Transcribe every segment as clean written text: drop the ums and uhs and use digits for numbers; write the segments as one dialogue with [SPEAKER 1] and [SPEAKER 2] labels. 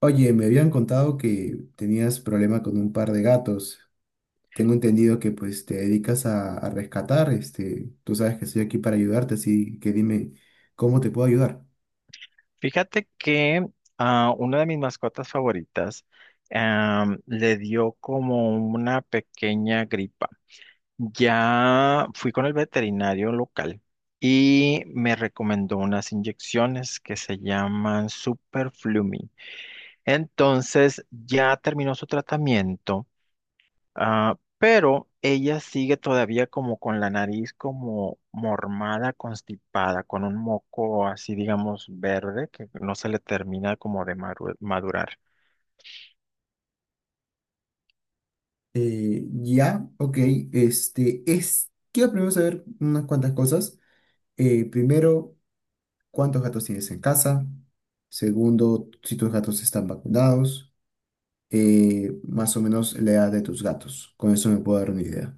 [SPEAKER 1] Oye, me habían contado que tenías problema con un par de gatos. Tengo entendido que pues te dedicas a rescatar, este, tú sabes que estoy aquí para ayudarte, así que dime cómo te puedo ayudar.
[SPEAKER 2] Fíjate que a una de mis mascotas favoritas le dio como una pequeña gripa. Ya fui con el veterinario local y me recomendó unas inyecciones que se llaman Superflumi. Entonces ya terminó su tratamiento. Ah, pero ella sigue todavía como con la nariz como mormada, constipada, con un moco así, digamos, verde, que no se le termina como de madurar.
[SPEAKER 1] Ya, ok, quiero primero saber unas cuantas cosas. Primero, ¿cuántos gatos tienes en casa? Segundo, si tus gatos están vacunados. Más o menos la edad de tus gatos. Con eso me puedo dar una idea.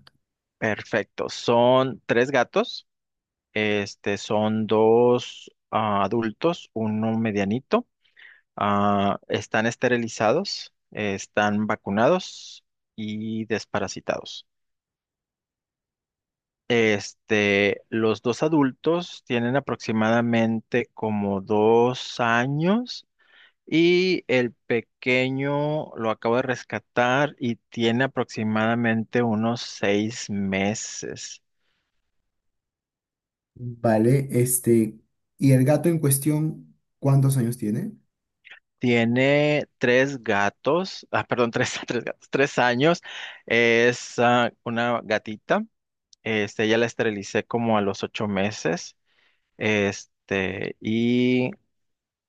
[SPEAKER 2] Perfecto. Son tres gatos. Este, son dos, ah, adultos, uno medianito. Ah, están esterilizados, están vacunados y desparasitados. Este, los dos adultos tienen aproximadamente como 2 años y el pequeño lo acabo de rescatar y tiene aproximadamente unos 6 meses.
[SPEAKER 1] Vale, este, ¿y el gato en cuestión cuántos años tiene?
[SPEAKER 2] Tiene tres gatos, ah, perdón, tres, tres gatos, 3 años. Es, ah, una gatita. Este, ya la esterilicé como a los 8 meses. Este, y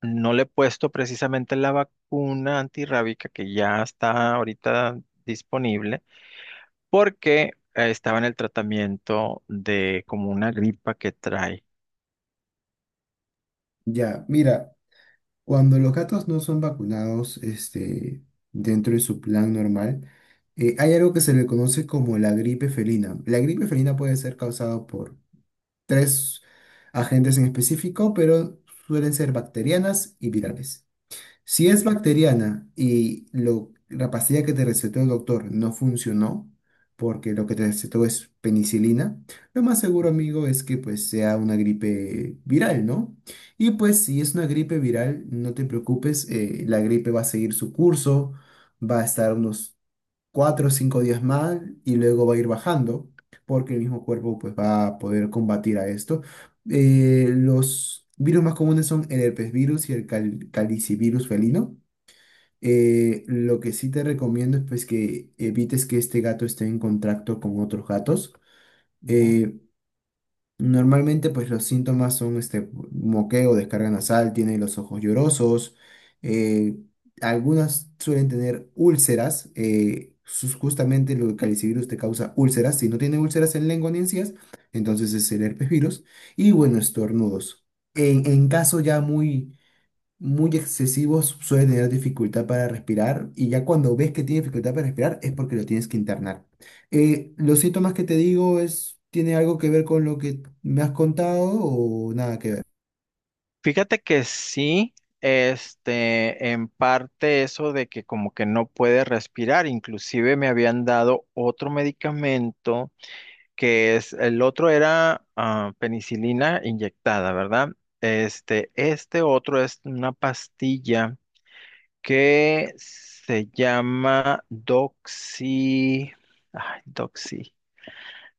[SPEAKER 2] no le he puesto precisamente la vacuna antirrábica que ya está ahorita disponible porque estaba en el tratamiento de como una gripa que trae.
[SPEAKER 1] Ya, mira, cuando los gatos no son vacunados, este, dentro de su plan normal, hay algo que se le conoce como la gripe felina. La gripe felina puede ser causada por tres agentes en específico, pero suelen ser bacterianas y virales. Si es
[SPEAKER 2] Ok.
[SPEAKER 1] bacteriana y la pastilla que te recetó el doctor no funcionó, porque lo que te recetó es penicilina, lo más seguro, amigo, es que pues sea una gripe viral, ¿no? Y pues si es una gripe viral, no te preocupes, la gripe va a seguir su curso, va a estar unos cuatro o cinco días más y luego va a ir bajando porque el mismo cuerpo pues va a poder combatir a esto. Los virus más comunes son el herpesvirus y el calicivirus felino. Lo que sí te recomiendo es pues que evites que este gato esté en contacto con otros gatos.
[SPEAKER 2] Ujú.
[SPEAKER 1] Eh, Normalmente, pues los síntomas son este moqueo, descarga nasal, tienen los ojos llorosos, eh, algunas suelen tener úlceras, justamente el calicivirus te causa úlceras, si no tiene úlceras en lengua ni encías, entonces es el herpes virus, y bueno, estornudos. En caso ya muy excesivos, suele tener dificultad para respirar y ya cuando ves que tiene dificultad para respirar es porque lo tienes que internar. Los síntomas que te digo es, ¿tiene algo que ver con lo que me has contado o nada que ver?
[SPEAKER 2] Fíjate que sí, este, en parte eso de que como que no puede respirar, inclusive me habían dado otro medicamento que es, el otro era, ah, penicilina inyectada, ¿verdad? Este otro es una pastilla que se llama Doxy. Ay, Doxy.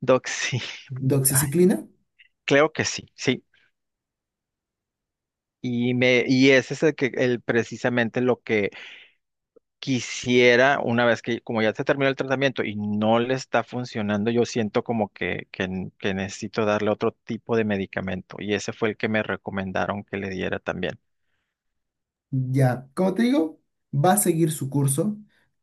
[SPEAKER 2] Doxy. Ay,
[SPEAKER 1] ¿Doxiciclina?
[SPEAKER 2] creo que sí, sí. Y ese es el que el, precisamente lo que quisiera, una vez que, como ya se terminó el tratamiento y no le está funcionando, yo siento como que necesito darle otro tipo de medicamento. Y ese fue el que me recomendaron que le diera también.
[SPEAKER 1] Ya, como te digo, va a seguir su curso.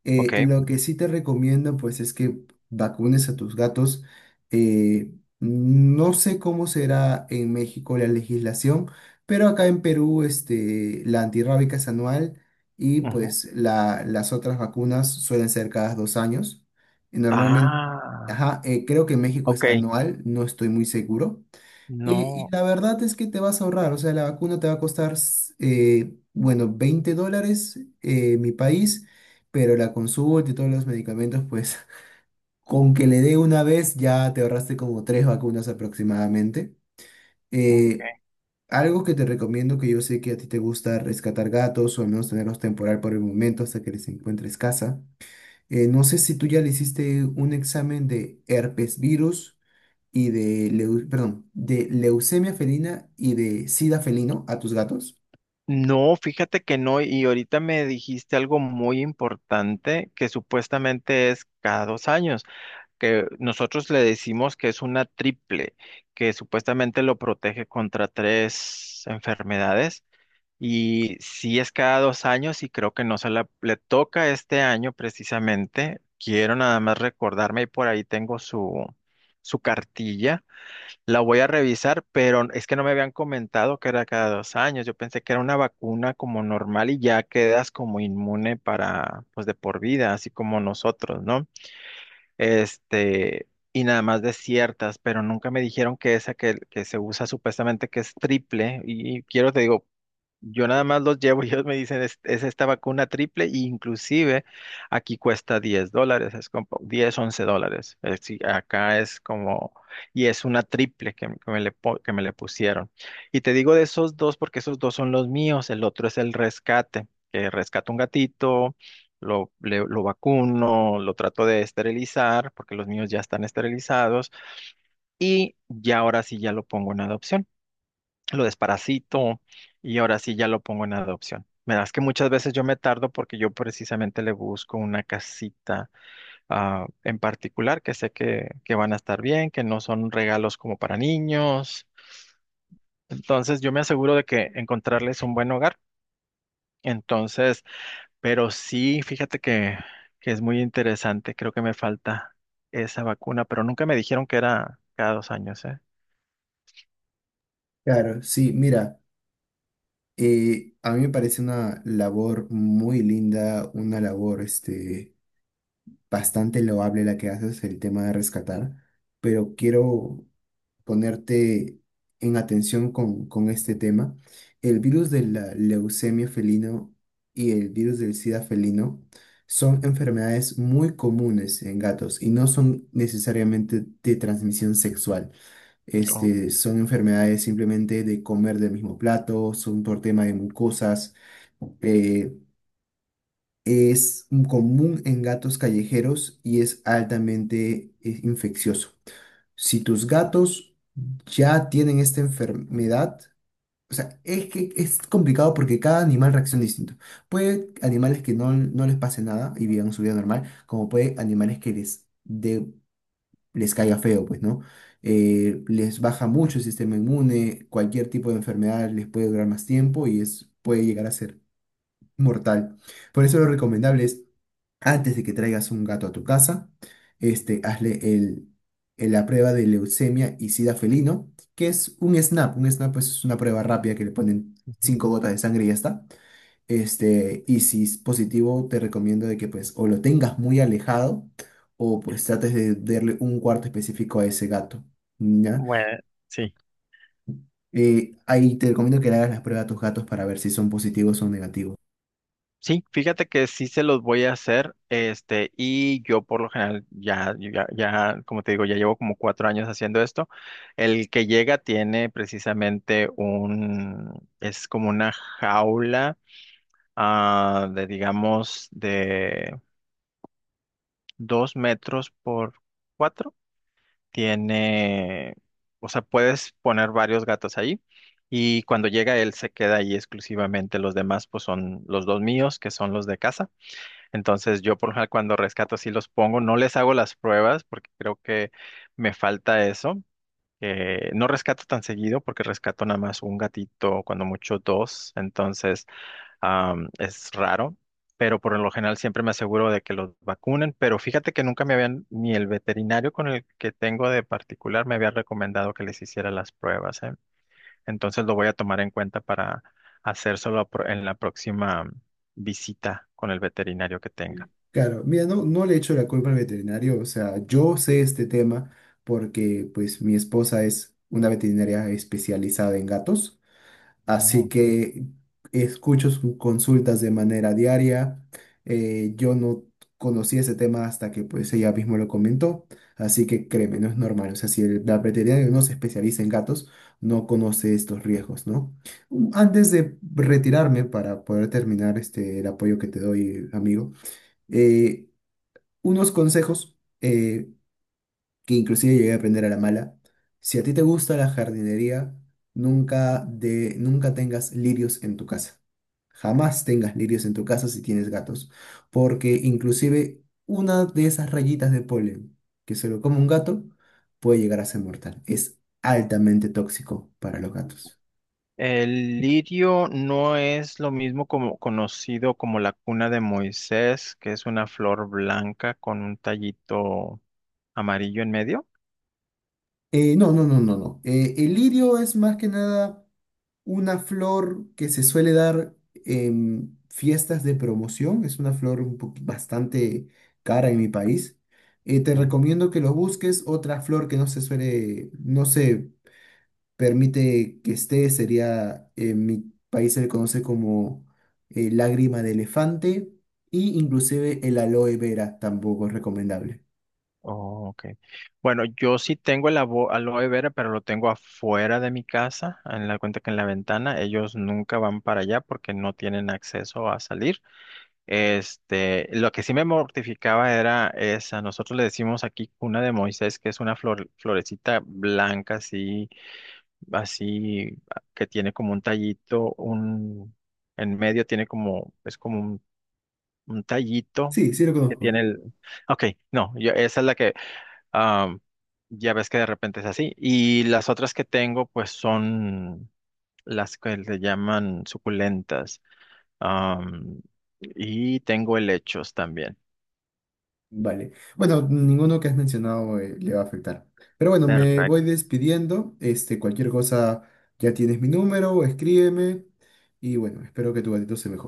[SPEAKER 2] Ok.
[SPEAKER 1] Lo que sí te recomiendo, pues, es que vacunes a tus gatos. Eh, no sé cómo será en México la legislación, pero acá en Perú, este, la antirrábica es anual y,
[SPEAKER 2] Ujú.
[SPEAKER 1] pues, las otras vacunas suelen ser cada dos años. Y normalmente,
[SPEAKER 2] Ah,
[SPEAKER 1] ajá, creo que en México
[SPEAKER 2] ok.
[SPEAKER 1] es anual, no estoy muy seguro. Y
[SPEAKER 2] No.
[SPEAKER 1] la verdad es que te vas a ahorrar, o sea, la vacuna te va a costar, bueno, $20 mi país, pero la consulta y todos los medicamentos, pues con que le dé una vez ya te ahorraste como tres vacunas aproximadamente. Eh,
[SPEAKER 2] Ok.
[SPEAKER 1] Algo que te recomiendo, que yo sé que a ti te gusta rescatar gatos o al menos tenerlos temporal por el momento hasta que les encuentres casa. No sé si tú ya le hiciste un examen de herpes virus y de, perdón, de leucemia felina y de sida felino a tus gatos.
[SPEAKER 2] No, fíjate que no, y ahorita me dijiste algo muy importante que supuestamente es cada 2 años, que nosotros le decimos que es una triple, que supuestamente lo protege contra tres enfermedades, y sí es cada 2 años y creo que no se le toca este año precisamente. Quiero nada más recordarme y por ahí tengo su, su cartilla, la voy a revisar, pero es que no me habían comentado que era cada 2 años. Yo pensé que era una vacuna como normal y ya quedas como inmune para, pues de por vida, así como nosotros, ¿no? Este, y nada más de ciertas, pero nunca me dijeron que esa que se usa supuestamente que es triple. Y quiero, te digo, yo nada más los llevo y ellos me dicen, es esta vacuna triple, e inclusive aquí cuesta $10, es como 10 $11. Es decir, acá es como, y es una triple que me le, que me le pusieron. Y te digo de esos dos porque esos dos son los míos, el otro es el rescate, que rescato un gatito, lo vacuno, lo trato de esterilizar porque los míos ya están esterilizados y ya ahora sí ya lo pongo en adopción, lo desparasito y ahora sí ya lo pongo en adopción. Verás que muchas veces yo me tardo porque yo precisamente le busco una casita, ah, en particular que sé que van a estar bien, que no son regalos como para niños. Entonces yo me aseguro de que encontrarles un buen hogar. Entonces, pero sí, fíjate que es muy interesante. Creo que me falta esa vacuna, pero nunca me dijeron que era cada 2 años, ¿eh?
[SPEAKER 1] Claro, sí, mira, a mí me parece una labor muy linda, una labor este, bastante loable la que haces, el tema de rescatar, pero quiero ponerte en atención con este tema. El virus de la leucemia felino y el virus del SIDA felino son enfermedades muy comunes en gatos y no son necesariamente de transmisión sexual.
[SPEAKER 2] Oh,
[SPEAKER 1] Este, son enfermedades simplemente de comer del mismo plato, son por tema de mucosas. eh, es común en gatos callejeros y es altamente infeccioso. Si tus gatos ya tienen esta enfermedad, o sea, es que es complicado porque cada animal reacciona distinto. Puede animales que no les pase nada y vivan su vida normal, como puede animales que les caiga feo, pues, ¿no? Les baja mucho el sistema inmune, cualquier tipo de enfermedad les puede durar más tiempo y puede llegar a ser mortal. Por eso lo recomendable es antes de que traigas un gato a tu casa, este, hazle la prueba de leucemia y sida felino, que es un SNAP. Un SNAP pues, es una prueba rápida que le ponen
[SPEAKER 2] ujú.
[SPEAKER 1] 5 gotas de sangre y ya está. Este, y si es positivo, te recomiendo de que pues o lo tengas muy alejado o pues trates de darle un cuarto específico a ese gato. ¿Ya?
[SPEAKER 2] Bueno, sí.
[SPEAKER 1] Ahí te recomiendo que le hagas las pruebas a tus gatos para ver si son positivos o negativos.
[SPEAKER 2] Sí, fíjate que sí se los voy a hacer, este, y yo por lo general ya, yo ya, ya, como te digo, ya llevo como 4 años haciendo esto. El que llega tiene precisamente un, es como una jaula, ah, de digamos, de 2 metros por cuatro. Tiene, o sea, puedes poner varios gatos ahí. Y cuando llega él se queda ahí exclusivamente. Los demás, pues son los dos míos, que son los de casa. Entonces yo por lo general cuando rescato sí los pongo, no les hago las pruebas porque creo que me falta eso. No rescato tan seguido porque rescato nada más un gatito, cuando mucho dos, entonces, es raro, pero por lo general siempre me aseguro de que los vacunen, pero fíjate que nunca me habían, ni el veterinario con el que tengo de particular me había recomendado que les hiciera las pruebas, ¿eh? Entonces lo voy a tomar en cuenta para hacérselo en la próxima visita con el veterinario que tenga.
[SPEAKER 1] Claro, mira, no le echo la culpa al veterinario, o sea, yo sé este tema porque pues mi esposa es una veterinaria especializada en gatos, así
[SPEAKER 2] Ujú.
[SPEAKER 1] que escucho sus consultas de manera diaria, yo no conocí ese tema hasta que pues ella mismo lo comentó, así que créeme, no es normal, o sea, si el la veterinaria no se especializa en gatos, no conoce estos riesgos, ¿no? Antes de retirarme para poder terminar este, el apoyo que te doy, amigo, eh, unos consejos que inclusive llegué a aprender a la mala. Si a ti te gusta la jardinería, nunca tengas lirios en tu casa. Jamás tengas lirios en tu casa si tienes gatos, porque inclusive una de esas rayitas de polen que se lo come un gato puede llegar a ser mortal. Es altamente tóxico para los gatos.
[SPEAKER 2] El lirio no es lo mismo como conocido como la cuna de Moisés, que es una flor blanca con un tallito amarillo en medio.
[SPEAKER 1] No, no, no, no, no. El lirio es más que nada una flor que se suele dar en fiestas de promoción. Es una flor un bastante cara en mi país. Te
[SPEAKER 2] Ujú.
[SPEAKER 1] recomiendo que lo busques. Otra flor que no se permite que esté, sería en mi país se le conoce como lágrima de elefante y inclusive el aloe vera tampoco es recomendable.
[SPEAKER 2] Oh, ok. Bueno, yo sí tengo el aloe vera, pero lo tengo afuera de mi casa, en la cuenta que en la ventana. Ellos nunca van para allá porque no tienen acceso a salir. Este, lo que sí me mortificaba era esa, nosotros le decimos aquí cuna de Moisés, que es una flor, florecita blanca así, así, que tiene como un tallito, un, en medio tiene como, es como un tallito
[SPEAKER 1] Sí, sí lo
[SPEAKER 2] que
[SPEAKER 1] conozco.
[SPEAKER 2] tiene el, ok, no, yo, esa es la que, am, ya ves que de repente es así, y las otras que tengo pues son las que se llaman suculentas. Am, y tengo helechos también.
[SPEAKER 1] Vale. Bueno, ninguno que has mencionado le va a afectar. Pero bueno, me voy
[SPEAKER 2] Perfecto.
[SPEAKER 1] despidiendo. Este, cualquier cosa, ya tienes mi número, escríbeme. Y bueno, espero que tu gatito se mejore.